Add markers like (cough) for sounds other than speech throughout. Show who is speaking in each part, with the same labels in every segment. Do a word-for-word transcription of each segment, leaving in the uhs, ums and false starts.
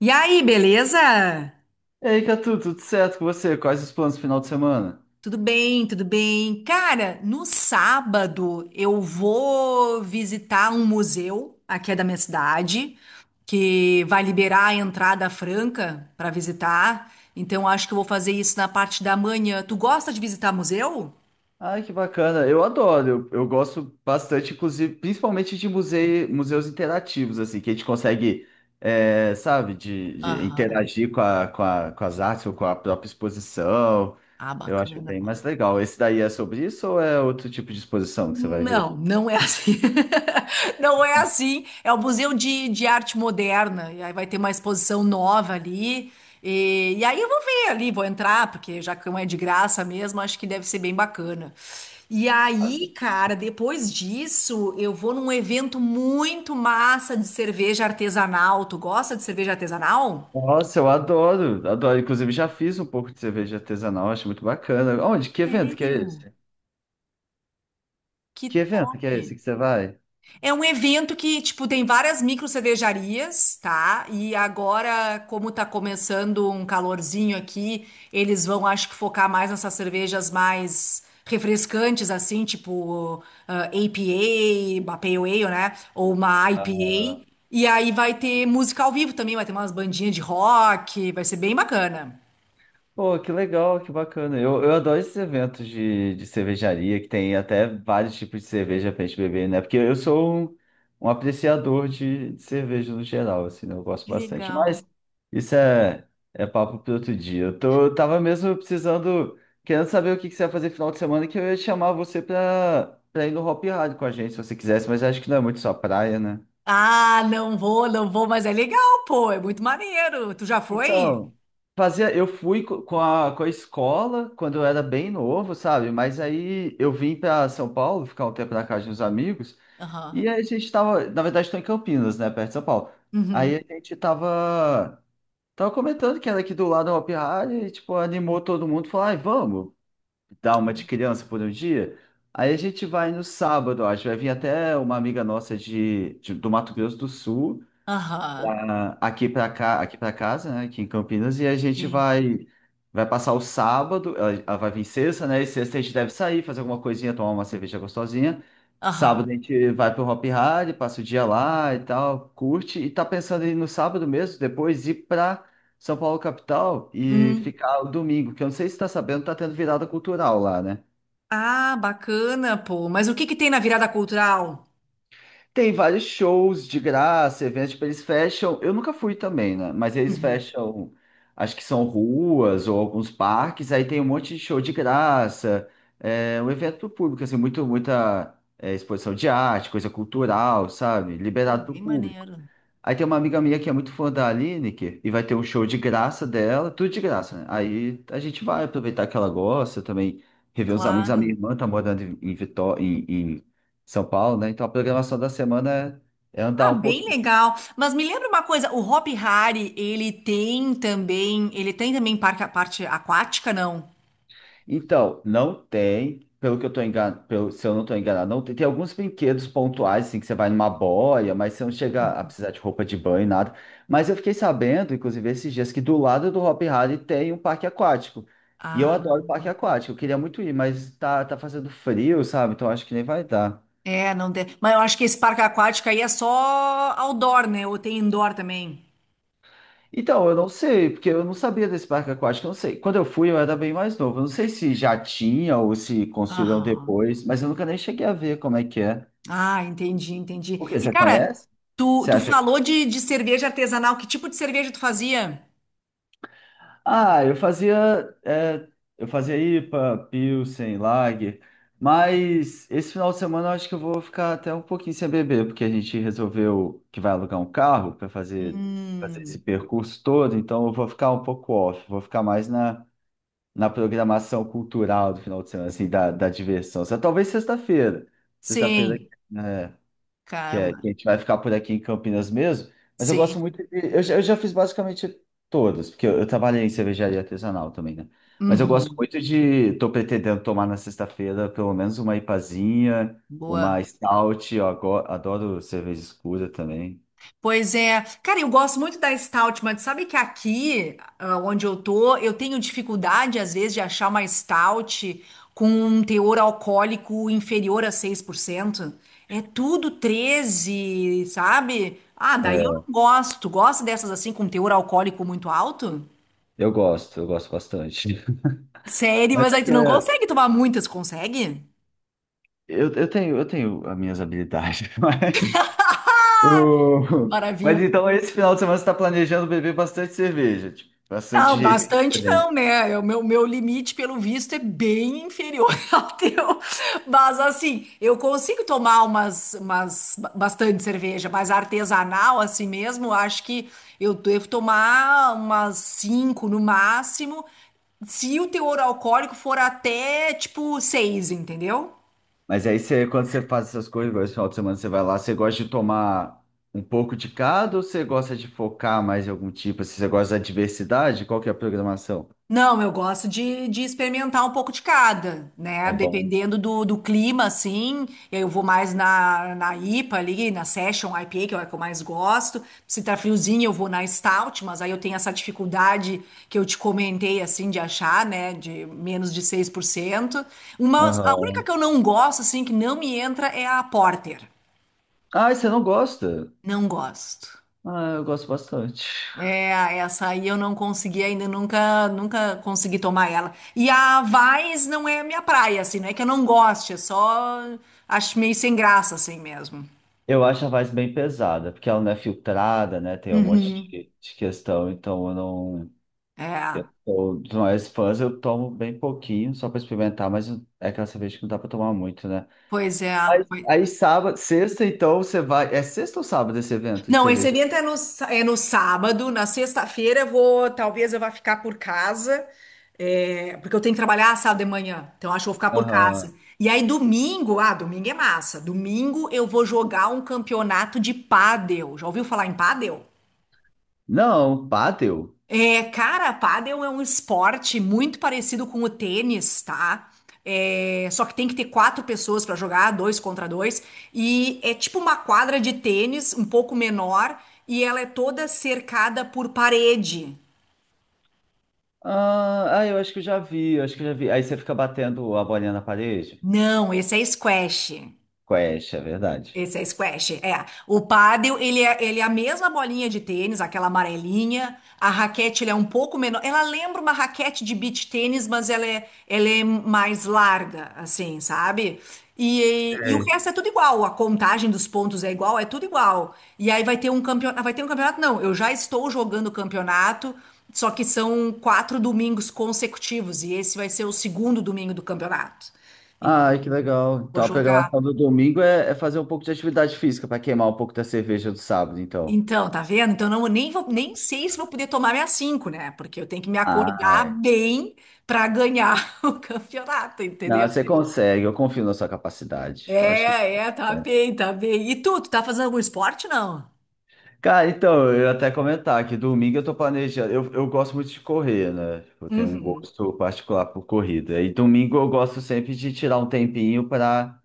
Speaker 1: E aí, beleza?
Speaker 2: E aí, Catu, tudo certo com você? Quais os planos pro final de semana?
Speaker 1: Tudo bem, tudo bem. Cara, no sábado eu vou visitar um museu aqui é da minha cidade, que vai liberar a entrada franca para visitar. Então acho que eu vou fazer isso na parte da manhã. Tu gosta de visitar museu?
Speaker 2: Ai, que bacana. Eu adoro. Eu, eu gosto bastante, inclusive, principalmente de musei, museus interativos, assim, que a gente consegue, é, sabe, de, de
Speaker 1: Aham.
Speaker 2: interagir com a, com a- com as artes ou com a própria exposição.
Speaker 1: Ah,
Speaker 2: Eu acho
Speaker 1: bacana,
Speaker 2: bem
Speaker 1: pô.
Speaker 2: mais legal. Esse daí é sobre isso ou é outro tipo de exposição que você vai ver?
Speaker 1: Não, não é assim. (laughs) Não é assim. É o Museu de, de Arte Moderna. E aí vai ter uma exposição nova ali. E, e aí eu vou ver ali, vou entrar, porque já que não é de graça mesmo, acho que deve ser bem bacana. E aí, cara, depois disso, eu vou num evento muito massa de cerveja artesanal. Tu gosta de cerveja artesanal?
Speaker 2: Nossa, eu adoro, adoro. Inclusive, já fiz um pouco de cerveja artesanal, acho muito bacana. Onde? Que evento que
Speaker 1: Sério?
Speaker 2: é esse?
Speaker 1: Que
Speaker 2: Que evento
Speaker 1: top!
Speaker 2: que é esse que você vai?
Speaker 1: É um evento que, tipo, tem várias micro cervejarias, tá? E agora, como tá começando um calorzinho aqui, eles vão, acho que, focar mais nessas cervejas mais refrescantes, assim, tipo ah, apa, uma Pale Ale, né? Ou uma I P A. E aí vai ter música ao vivo também, vai ter umas bandinhas de rock, vai ser bem bacana.
Speaker 2: Pô, que legal, que bacana. Eu, eu adoro esses eventos de, de cervejaria, que tem até vários tipos de cerveja pra gente beber, né? Porque eu sou um, um apreciador de, de cerveja no geral, assim, né? Eu gosto
Speaker 1: Que
Speaker 2: bastante.
Speaker 1: legal.
Speaker 2: Mas isso é, é papo para outro dia. Eu, tô, eu tava mesmo precisando, querendo saber o que, que você vai fazer final de semana, que eu ia chamar você pra, pra ir no Hop Hard com a gente, se você quisesse, mas acho que não é muito sua praia, né?
Speaker 1: Ah, não vou, não vou, mas é legal, pô, é muito maneiro. Tu já foi?
Speaker 2: Então, fazia, eu fui co- com a, com a escola quando eu era bem novo, sabe? Mas aí eu vim para São Paulo, ficar um tempo na casa de uns amigos,
Speaker 1: Aham.
Speaker 2: e aí a gente tava, na verdade, estou em Campinas, né, perto de São Paulo. Aí a
Speaker 1: Uhum.
Speaker 2: gente tava, tava comentando que era aqui do lado da Hopi Hari, e, tipo, animou todo mundo, falou, ai, vamos dar uma de criança por um dia. Aí a gente vai no sábado, acho, vai vir até uma amiga nossa de, de- do Mato Grosso do Sul,
Speaker 1: Aham,
Speaker 2: ah, aqui para cá, aqui para casa, né, aqui em Campinas, e a gente
Speaker 1: sim.
Speaker 2: vai vai passar o sábado, ela ela vai vir sexta, né, e sexta a gente deve sair, fazer alguma coisinha, tomar uma cerveja gostosinha.
Speaker 1: Aham.
Speaker 2: Sábado a gente vai pro Hop Hari, passa o dia lá e tal, curte, e tá pensando em ir no sábado mesmo, depois ir para São Paulo capital e
Speaker 1: Hum.
Speaker 2: ficar o domingo, que eu não sei se tá sabendo, tá tendo virada cultural lá, né?
Speaker 1: Ah, bacana, pô. Mas o que que tem na virada cultural?
Speaker 2: Tem vários shows de graça, eventos que eles fecham. Eu nunca fui também, né? Mas eles
Speaker 1: Uhum.
Speaker 2: fecham, acho que são ruas ou alguns parques, aí tem um monte de show de graça. É um evento pro público, assim, muito, muita é, exposição de arte, coisa cultural, sabe?
Speaker 1: Pô,
Speaker 2: Liberado pro
Speaker 1: bem
Speaker 2: público.
Speaker 1: maneiro.
Speaker 2: Aí tem uma amiga minha que é muito fã da Lineker e vai ter um show de graça dela, tudo de graça, né? Aí a gente vai aproveitar que ela gosta também, rever os amigos. A minha
Speaker 1: Claro.
Speaker 2: irmã tá morando em, Vitória, em, Vitó- em- em São Paulo, né? Então a programação da semana é, é andar
Speaker 1: Ah,
Speaker 2: um
Speaker 1: bem
Speaker 2: pouquinho.
Speaker 1: legal. Mas me lembra uma coisa, o Hopi Hari, ele tem também, ele tem também parque, parte aquática, não?
Speaker 2: Então, não tem, pelo que eu tô enganado, pelo, se eu não tô enganado, não tem, tem alguns brinquedos pontuais, assim, que você vai numa boia, mas você não chega a precisar de roupa de banho, nada. Mas eu fiquei sabendo, inclusive, esses dias, que do lado do Hopi Hari tem um parque aquático. E eu adoro
Speaker 1: Ah,
Speaker 2: parque aquático, eu queria muito ir, mas tá, tá fazendo frio, sabe? Então acho que nem vai dar.
Speaker 1: é, não tem. Mas eu acho que esse parque aquático aí é só outdoor, né? Ou tem indoor também?
Speaker 2: Então, eu não sei, porque eu não sabia desse parque aquático, eu não sei. Quando eu fui, eu era bem mais novo. Eu não sei se já tinha ou se construíram
Speaker 1: Aham.
Speaker 2: depois, mas eu nunca nem cheguei a ver como é que é.
Speaker 1: Ah, entendi, entendi.
Speaker 2: O quê?
Speaker 1: E,
Speaker 2: Você
Speaker 1: cara,
Speaker 2: conhece?
Speaker 1: tu,
Speaker 2: Você
Speaker 1: tu
Speaker 2: acha?
Speaker 1: falou de, de cerveja artesanal. Que tipo de cerveja tu fazia?
Speaker 2: Ah, eu fazia, é, eu fazia ipa, Pilsen, Lager, mas esse final de semana eu acho que eu vou ficar até um pouquinho sem beber, porque a gente resolveu que vai alugar um carro para fazer, fazer esse
Speaker 1: Hum,
Speaker 2: percurso todo, então eu vou ficar um pouco off, vou ficar mais na, na programação cultural do final de semana, assim, da, da diversão. Só talvez sexta-feira. Sexta-feira,
Speaker 1: sim,
Speaker 2: é. Que, é,
Speaker 1: calma,
Speaker 2: que a gente vai ficar por aqui em Campinas mesmo, mas eu gosto
Speaker 1: sim.
Speaker 2: muito de, eu, já- eu já fiz basicamente todas, porque eu, eu trabalhei em cervejaria artesanal também, né? Mas eu gosto
Speaker 1: Uhum,
Speaker 2: muito de, tô pretendendo tomar na sexta-feira pelo menos uma ipazinha, uma
Speaker 1: boa.
Speaker 2: stout, eu ago- adoro cerveja escura também.
Speaker 1: Pois é. Cara, eu gosto muito da Stout, mas sabe que aqui, ah, onde eu tô, eu tenho dificuldade, às vezes, de achar uma Stout com um teor alcoólico inferior a seis por cento. É tudo treze, sabe? Ah, daí eu não
Speaker 2: É,
Speaker 1: gosto. Gosto dessas assim, com teor alcoólico muito alto?
Speaker 2: eu gosto, eu gosto bastante. (laughs)
Speaker 1: Sério,
Speaker 2: Mas
Speaker 1: mas
Speaker 2: é
Speaker 1: aí tu
Speaker 2: que
Speaker 1: não
Speaker 2: é,
Speaker 1: consegue tomar muitas, consegue?
Speaker 2: eu, eu tenho, eu tenho as minhas habilidades, (laughs) mas o- mas
Speaker 1: Maravilha.
Speaker 2: então esse final de semana você está planejando beber bastante cerveja, tipo, bastante
Speaker 1: Não,
Speaker 2: jeito
Speaker 1: bastante
Speaker 2: diferente.
Speaker 1: não, né? É, o meu, meu, limite, pelo visto, é bem inferior (laughs) ao teu. Mas, assim, eu consigo tomar umas, umas, ba- bastante cerveja, mas artesanal, assim mesmo, eu acho que eu devo tomar umas cinco no máximo, se o teor alcoólico for até, tipo, seis, entendeu?
Speaker 2: Mas aí você, quando você faz essas coisas, igual esse final de semana você vai lá, você gosta de tomar um pouco de cada ou você gosta de focar mais em algum tipo? Assim, você gosta da diversidade? Qual que é a programação?
Speaker 1: Não, eu gosto de, de experimentar um pouco de cada, né?
Speaker 2: É bom.
Speaker 1: Dependendo do, do clima, assim, eu vou mais na, na I P A ali, na Session I P A, que é a que eu mais gosto. Se tá friozinho, eu vou na Stout, mas aí eu tenho essa dificuldade que eu te comentei, assim, de achar, né? De menos de seis por cento. Uma, a única
Speaker 2: Aham.
Speaker 1: que eu não gosto, assim, que não me entra é a Porter.
Speaker 2: Ah, e você não gosta?
Speaker 1: Não gosto.
Speaker 2: Ah, eu gosto bastante.
Speaker 1: É, essa aí eu não consegui ainda, nunca, nunca consegui tomar ela. E a Vaz não é a minha praia, assim, não é que eu não goste, é só acho meio sem graça, assim mesmo.
Speaker 2: Eu acho a voz bem pesada, porque ela não é filtrada, né? Tem um monte
Speaker 1: Uhum.
Speaker 2: de, de questão, então eu não.
Speaker 1: É,
Speaker 2: Eu, dos maiores fãs, eu tomo bem pouquinho, só para experimentar, mas é aquela cerveja que não dá para tomar muito, né?
Speaker 1: pois é.
Speaker 2: Aí,
Speaker 1: Pois-
Speaker 2: aí sábado, sexta, então você vai. É sexta ou sábado esse evento de
Speaker 1: Não, esse
Speaker 2: cerveja?
Speaker 1: evento é no, sá- é no sábado, na sexta-feira eu vou, talvez eu vá ficar por casa, é, porque eu tenho que trabalhar sábado de manhã, então acho que eu vou ficar por casa.
Speaker 2: Aham.
Speaker 1: E aí domingo, ah, domingo é massa, domingo eu vou jogar um campeonato de pádel, já ouviu falar em pádel?
Speaker 2: Não, bateu.
Speaker 1: É, cara, pádel é um esporte muito parecido com o tênis, tá? É, só que tem que ter quatro pessoas pra jogar, dois contra dois, e é tipo uma quadra de tênis, um pouco menor, e ela é toda cercada por parede.
Speaker 2: Ah, ah, eu acho que eu já vi, eu acho que eu já vi. Aí você fica batendo a bolinha na parede?
Speaker 1: Não, esse é squash.
Speaker 2: Quest, é verdade.
Speaker 1: Esse é squash, é. O pádel, ele é, ele é, a mesma bolinha de tênis, aquela amarelinha. A raquete, ele é um pouco menor. Ela lembra uma raquete de beach tênis, mas ela é, ela é mais larga, assim, sabe? E, e o
Speaker 2: É.
Speaker 1: resto é tudo igual. A contagem dos pontos é igual, é tudo igual. E aí vai ter um campeonato. Vai ter um campeonato? Não, eu já estou jogando o campeonato, só que são quatro domingos consecutivos. E esse vai ser o segundo domingo do campeonato. Então,
Speaker 2: Ai, que legal.
Speaker 1: vou
Speaker 2: Então a
Speaker 1: jogar.
Speaker 2: programação do domingo é, é fazer um pouco de atividade física para queimar um pouco da cerveja do sábado, então.
Speaker 1: Então, tá vendo? Então, não, eu nem vou, nem sei se vou poder tomar minhas cinco, né? Porque eu tenho que me
Speaker 2: Ah,
Speaker 1: acordar bem para ganhar (laughs) o campeonato,
Speaker 2: não,
Speaker 1: entendeu?
Speaker 2: você consegue, eu confio na sua capacidade. Eu acho que.
Speaker 1: É, é, tá bem, tá bem. E tu, tu, tá fazendo algum esporte, não?
Speaker 2: Cara, então, eu ia até comentar que domingo eu tô planejando. Eu, eu gosto muito de correr, né? Tipo, eu tenho um
Speaker 1: Uhum.
Speaker 2: gosto particular por corrida. E domingo eu gosto sempre de tirar um tempinho para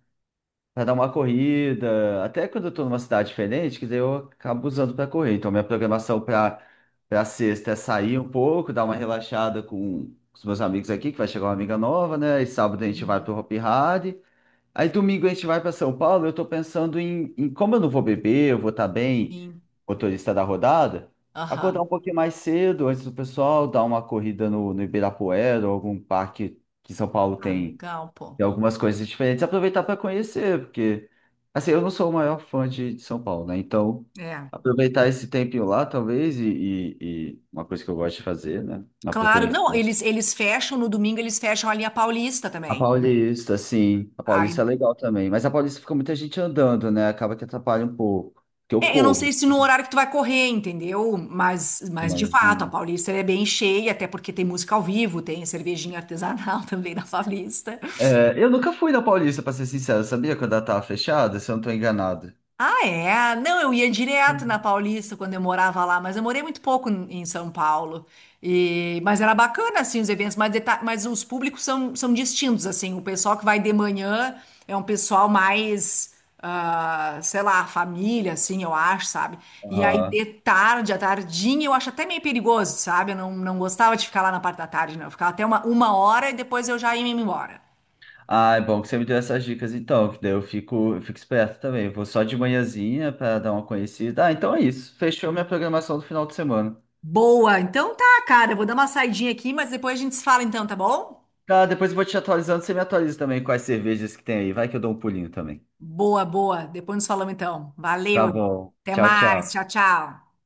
Speaker 2: para dar uma corrida. Até quando eu tô numa cidade diferente, que daí eu acabo usando para correr. Então, minha programação para para sexta é sair um pouco, dar uma relaxada com os meus amigos aqui, que vai chegar uma amiga nova, né? E sábado a gente vai
Speaker 1: Uhum,
Speaker 2: pro Hopi Hari. Aí domingo a gente vai para São Paulo. Eu tô pensando em, em como eu não vou beber, eu vou estar bem,
Speaker 1: sim.
Speaker 2: motorista da rodada, acordar
Speaker 1: Aham.
Speaker 2: um pouquinho mais cedo antes do pessoal, dar uma corrida no, no Ibirapuera ou algum parque que São Paulo
Speaker 1: Ah,
Speaker 2: tem,
Speaker 1: legal, pô.
Speaker 2: tem algumas coisas diferentes, aproveitar para conhecer, porque assim, eu não sou o maior fã de, de São Paulo, né? Então,
Speaker 1: É.
Speaker 2: aproveitar esse tempinho lá, talvez, e, e e uma coisa que eu gosto de fazer, né? Na
Speaker 1: Claro,
Speaker 2: preferência.
Speaker 1: não, eles, eles fecham no domingo, eles fecham a linha Paulista
Speaker 2: A
Speaker 1: também.
Speaker 2: Paulista, sim. A Paulista é
Speaker 1: Ah.
Speaker 2: legal também. Mas a Paulista fica muita gente andando, né? Acaba que atrapalha um pouco. Porque eu
Speaker 1: É, eu não sei
Speaker 2: corro
Speaker 1: se
Speaker 2: um
Speaker 1: no horário que tu vai correr, entendeu? Mas,
Speaker 2: pouquinho
Speaker 1: mas de fato, a
Speaker 2: maiorzinho.
Speaker 1: Paulista ela é bem cheia, até porque tem música ao vivo, tem cervejinha artesanal (laughs) também na Paulista.
Speaker 2: É, eu nunca fui na Paulista, pra ser sincero. Sabia quando ela tava fechada? Se eu não tô enganado.
Speaker 1: Ah, é? Não, eu ia direto na
Speaker 2: Uhum.
Speaker 1: Paulista quando eu morava lá, mas eu morei muito pouco em em São Paulo. E, mas era bacana, assim, os eventos, mas, deta- mas os públicos são, são distintos, assim. O pessoal que vai de manhã é um pessoal mais, ah, sei lá, família, assim, eu acho, sabe? E aí
Speaker 2: Aham.
Speaker 1: de tarde, à tardinha, eu acho até meio perigoso, sabe? Eu não, não gostava de ficar lá na parte da tarde, não. Eu ficava até uma, uma hora e depois eu já ia me embora.
Speaker 2: Ah, é bom que você me deu essas dicas então, que daí eu fico, eu fico esperto também. Eu vou só de manhãzinha pra dar uma conhecida. Ah, então é isso. Fechou minha programação do final de semana.
Speaker 1: Boa, então tá, cara, eu vou dar uma saidinha aqui, mas depois a gente se fala então, tá bom?
Speaker 2: Tá, depois eu vou te atualizando. Você me atualiza também quais cervejas que tem aí. Vai que eu dou um pulinho também.
Speaker 1: Boa, boa. Depois nos falamos então.
Speaker 2: Tá
Speaker 1: Valeu.
Speaker 2: bom.
Speaker 1: Até
Speaker 2: Tchau,
Speaker 1: mais.
Speaker 2: tchau.
Speaker 1: Tchau, tchau.